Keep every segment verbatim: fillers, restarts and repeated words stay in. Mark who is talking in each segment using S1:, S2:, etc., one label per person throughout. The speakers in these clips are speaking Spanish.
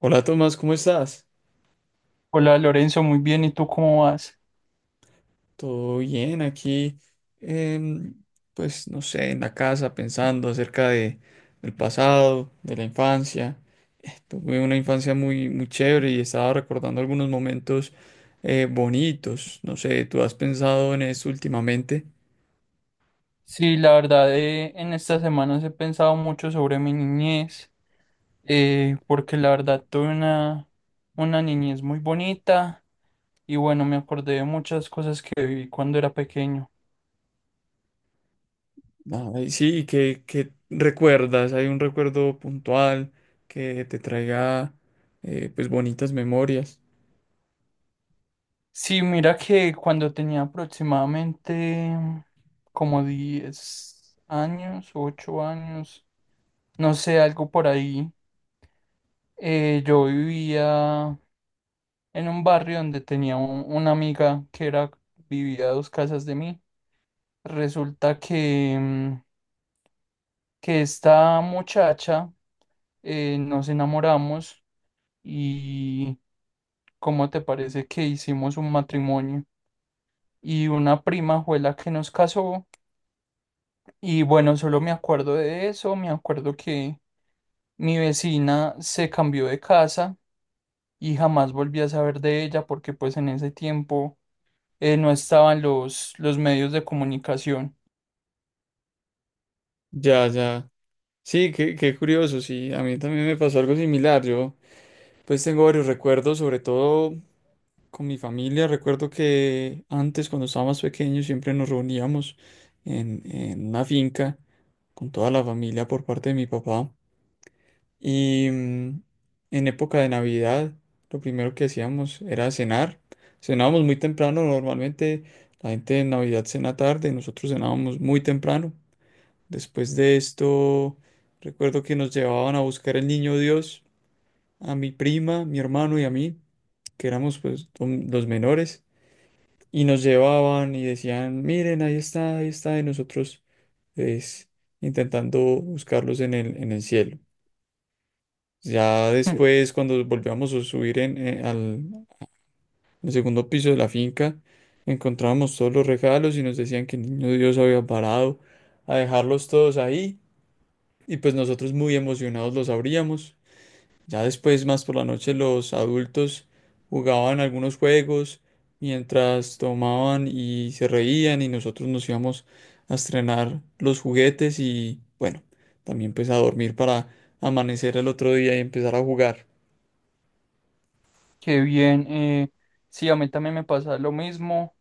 S1: Hola Tomás, ¿cómo estás?
S2: Hola Lorenzo, muy bien, ¿y tú cómo vas?
S1: ¿Todo bien aquí? em, pues no sé, en la casa pensando acerca de, del pasado, de la infancia. Eh, Tuve una infancia muy, muy chévere y estaba recordando algunos momentos eh, bonitos. No sé, ¿tú has pensado en eso últimamente?
S2: Sí, la verdad, eh, en estas semanas he pensado mucho sobre mi niñez, eh, porque la verdad tuve una, una niñez muy bonita y bueno, me acordé de muchas cosas que viví cuando era pequeño.
S1: Ay, sí, ¿qué, ¿qué recuerdas? ¿Hay un recuerdo puntual que te traiga eh, pues bonitas memorias?
S2: Sí, mira que cuando tenía aproximadamente mm, como diez años, ocho años, no sé, algo por ahí, eh, yo vivía en un barrio donde tenía un- una amiga que era, vivía a dos casas de mí. Resulta que, mm, que esta muchacha eh, nos enamoramos y ¿cómo te parece que hicimos un matrimonio? Y una prima fue la que nos casó y bueno, solo me acuerdo de eso, me acuerdo que mi vecina se cambió de casa y jamás volví a saber de ella porque pues en ese tiempo, eh, no estaban los, los medios de comunicación.
S1: Ya, ya. Sí, qué, qué curioso, sí, a mí también me pasó algo similar. Yo pues tengo varios recuerdos, sobre todo con mi familia. Recuerdo que antes, cuando estaba más pequeño, siempre nos reuníamos en, en una finca con toda la familia por parte de mi papá. Y mm, en época de Navidad, lo primero que hacíamos era cenar. Cenábamos muy temprano, normalmente la gente en Navidad cena tarde, nosotros cenábamos muy temprano. Después de esto, recuerdo que nos llevaban a buscar el niño Dios a mi prima, mi hermano y a mí, que éramos pues hom- los menores, y nos llevaban y decían, miren, ahí está, ahí está, y nosotros pues intentando buscarlos en el, en el cielo. Ya después, cuando volvíamos a subir en, eh, al, al segundo piso de la finca, encontrábamos todos los regalos y nos decían que el niño Dios había parado a dejarlos todos ahí y pues nosotros muy emocionados los abríamos. Ya después, más por la noche, los adultos jugaban algunos juegos mientras tomaban y se reían y nosotros nos íbamos a estrenar los juguetes y bueno, también pues a dormir para amanecer el otro día y empezar a jugar.
S2: Qué bien. Eh, sí, a mí también me pasa lo mismo.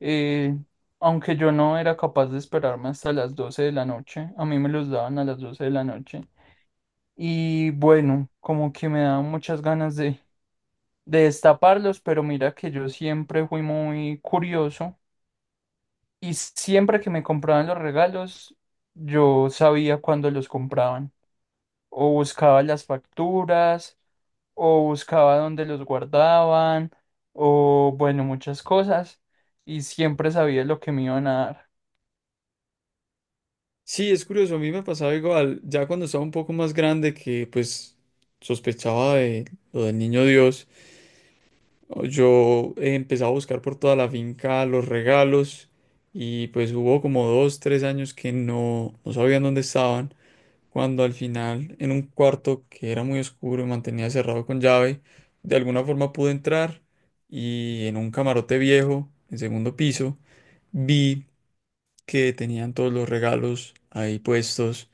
S2: eh, Aunque yo no era capaz de esperarme hasta las doce de la noche, a mí me los daban a las doce de la noche. Y bueno, como que me daban muchas ganas de, de destaparlos, pero mira que yo siempre fui muy curioso y siempre que me compraban los regalos, yo sabía cuándo los compraban. O buscaba las facturas, o buscaba dónde los guardaban, o bueno, muchas cosas, y siempre sabía lo que me iban a dar.
S1: Sí, es curioso, a mí me pasaba igual, ya cuando estaba un poco más grande que pues sospechaba de lo del niño Dios. No, yo he empezado a buscar por toda la finca los regalos y pues hubo como dos, tres años que no, no sabían dónde estaban, cuando al final en un cuarto que era muy oscuro y mantenía cerrado con llave, de alguna forma pude entrar y en un camarote viejo, en segundo piso, vi que tenían todos los regalos ahí puestos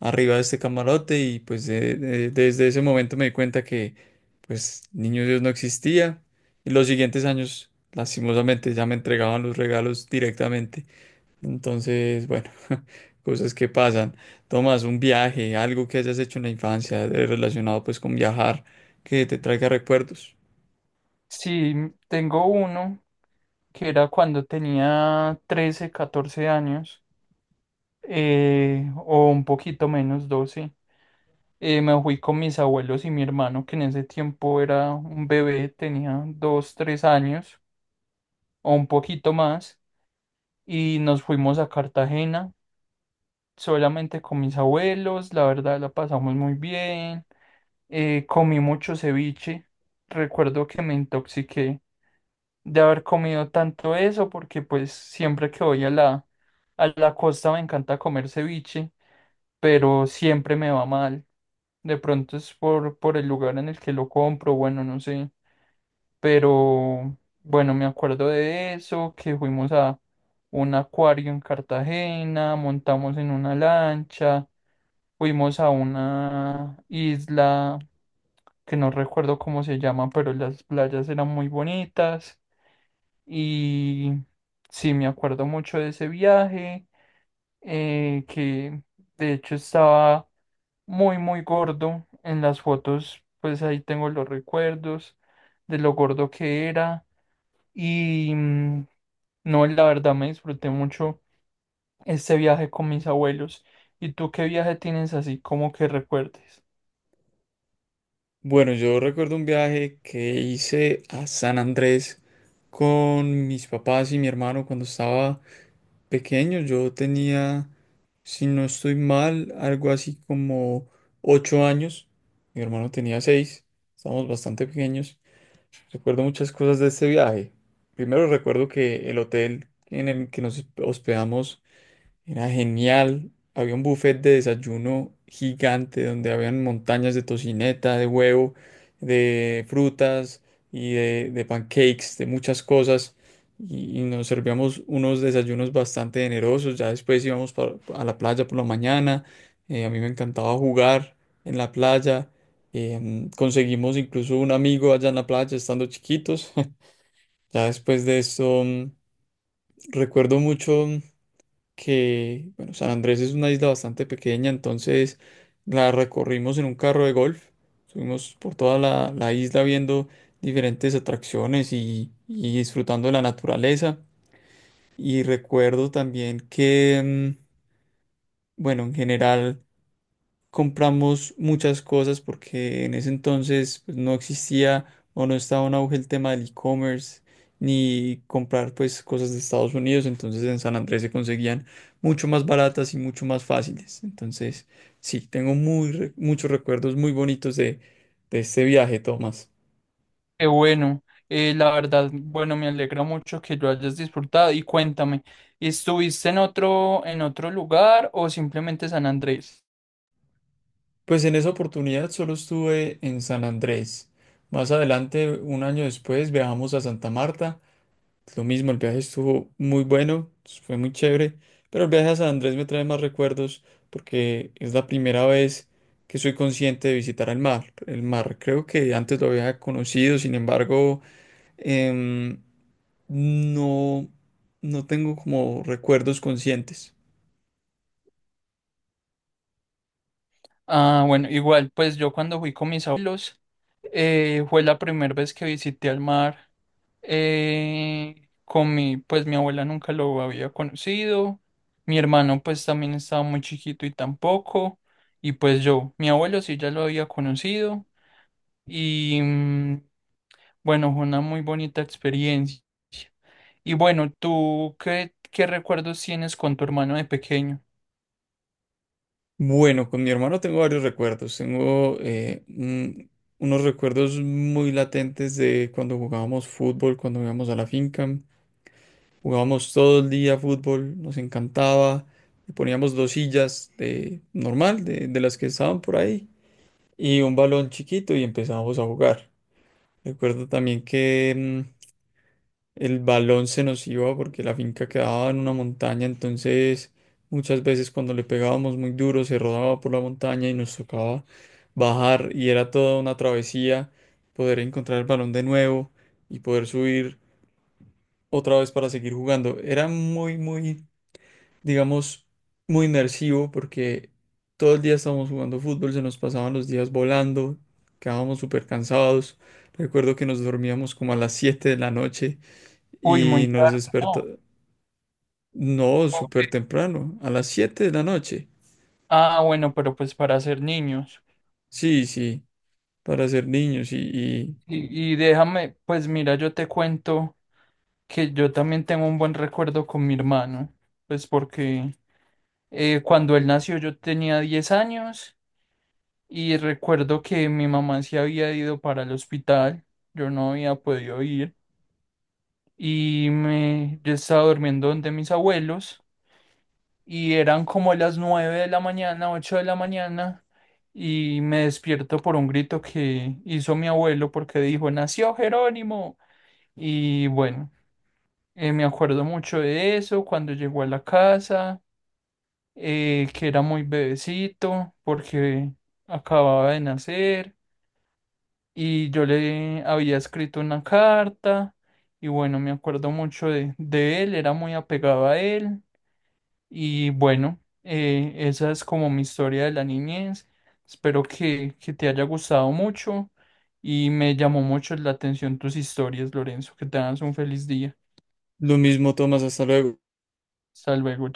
S1: arriba de este camarote y pues de- de- desde ese momento me di cuenta que pues Niño Dios no existía y los siguientes años lastimosamente ya me entregaban los regalos directamente. Entonces, bueno, cosas que pasan. Tomas un viaje, algo que hayas hecho en la infancia eh, relacionado pues con viajar que te traiga recuerdos.
S2: Sí, tengo uno que era cuando tenía trece, catorce años, eh, o un poquito menos, doce. Eh, me fui con mis abuelos y mi hermano, que en ese tiempo era un bebé, tenía dos, tres años, o un poquito más, y nos fuimos a Cartagena solamente con mis abuelos, la verdad la pasamos muy bien. Eh, comí mucho ceviche. Recuerdo que me intoxiqué de haber comido tanto eso porque pues siempre que voy a la, a la costa me encanta comer ceviche, pero siempre me va mal. De pronto es por, por el lugar en el que lo compro, bueno, no sé. Pero bueno, me acuerdo de eso, que fuimos a un acuario en Cartagena, montamos en una lancha. Fuimos a una isla que no recuerdo cómo se llama, pero las playas eran muy bonitas y sí, me acuerdo mucho de ese viaje, eh, que de hecho estaba muy, muy gordo en las fotos, pues ahí tengo los recuerdos de lo gordo que era y mm, no, la verdad me disfruté mucho este viaje con mis abuelos. ¿Y tú qué viaje tienes así como que recuerdes?
S1: Bueno, yo recuerdo un viaje que hice a San Andrés con mis papás y mi hermano cuando estaba pequeño, yo tenía, si no estoy mal, algo así como ocho años. Mi hermano tenía seis. Estábamos bastante pequeños. Recuerdo muchas cosas de este viaje. Primero recuerdo que el hotel en el que nos hospedamos era genial. Había un buffet de desayuno gigante donde habían montañas de tocineta, de huevo, de frutas y de, de pancakes, de muchas cosas. Y, y nos servíamos unos desayunos bastante generosos. Ya después íbamos pa- a la playa por la mañana. Eh, a mí me encantaba jugar en la playa. Em, conseguimos incluso un amigo allá en la playa estando chiquitos. Ya después de eso, mm, recuerdo mucho que, bueno, San Andrés es una isla bastante pequeña, entonces la recorrimos en un carro de golf, subimos por toda la, la isla viendo diferentes atracciones y, y disfrutando de la naturaleza. Y recuerdo también que, mm, bueno, en general compramos muchas cosas porque en ese entonces pues, no existía o no estaba en auge el tema del e-commerce ni comprar pues cosas de Estados Unidos, entonces en San Andrés se conseguían mucho más baratas y mucho más fáciles. Entonces, sí, tengo muy re- muchos recuerdos muy bonitos de, de este viaje, Tomás.
S2: Qué bueno, eh, la verdad, bueno, me alegra mucho que lo hayas disfrutado y cuéntame, ¿estuviste en otro, en otro lugar o simplemente San Andrés?
S1: Pues en esa oportunidad solo estuve en San Andrés. Más adelante, un año después, viajamos a Santa Marta. Lo mismo, el viaje estuvo muy bueno, fue muy chévere, pero el viaje a San Andrés me trae más recuerdos porque es la primera vez que soy consciente de visitar el mar. El mar creo que antes lo había conocido, sin embargo, em, no, no tengo como recuerdos conscientes.
S2: Ah, bueno, igual, pues yo cuando fui con mis abuelos, eh, fue la primera vez que visité al mar, eh, con mi, pues mi abuela nunca lo había conocido, mi hermano pues también estaba muy chiquito y tampoco, y pues yo, mi abuelo sí ya lo había conocido. Y, mm, bueno, fue una muy bonita experiencia. Y bueno, ¿tú qué, qué recuerdos tienes con tu hermano de pequeño?
S1: Bueno, con mi hermano tengo varios recuerdos. Tengo eh, un- unos recuerdos muy latentes de cuando jugábamos fútbol, cuando íbamos a la finca. Jugábamos todo el día fútbol, nos encantaba. Le poníamos dos sillas de normal, de, de las que estaban por ahí, y un balón chiquito y empezábamos a jugar. Recuerdo también que mm, el balón se nos iba porque la finca quedaba en una montaña, entonces muchas veces cuando le pegábamos muy duro se rodaba por la montaña y nos tocaba bajar y era toda una travesía poder encontrar el balón de nuevo y poder subir otra vez para seguir jugando. Era muy, muy digamos, muy inmersivo porque todo el día estábamos jugando fútbol, se nos pasaban los días volando, quedábamos súper cansados. Recuerdo que nos dormíamos como a las siete de la noche
S2: Uy,
S1: y
S2: muy
S1: nos
S2: tarde,
S1: despertó,
S2: no.
S1: no, súper temprano, a las siete de la noche.
S2: Ah, bueno, pero pues para ser niños.
S1: Sí, sí, para ser niños y, y
S2: Y, y déjame, pues mira, yo te cuento que yo también tengo un buen recuerdo con mi hermano, pues porque eh, cuando él nació yo tenía diez años y recuerdo que mi mamá se había ido para el hospital, yo no había podido ir. Y me, yo estaba durmiendo donde mis abuelos y eran como las nueve de la mañana, ocho de la mañana y me despierto por un grito que hizo mi abuelo porque dijo, nació Jerónimo. Y bueno, eh, me acuerdo mucho de eso cuando llegó a la casa, eh, que era muy bebecito porque acababa de nacer y yo le había escrito una carta. Y bueno, me acuerdo mucho de, de él, era muy apegado a él. Y bueno, eh, esa es como mi historia de la niñez. Espero que, que te haya gustado mucho y me llamó mucho la atención tus historias, Lorenzo. Que tengas un feliz día.
S1: lo mismo Tomás, hasta luego.
S2: Hasta luego.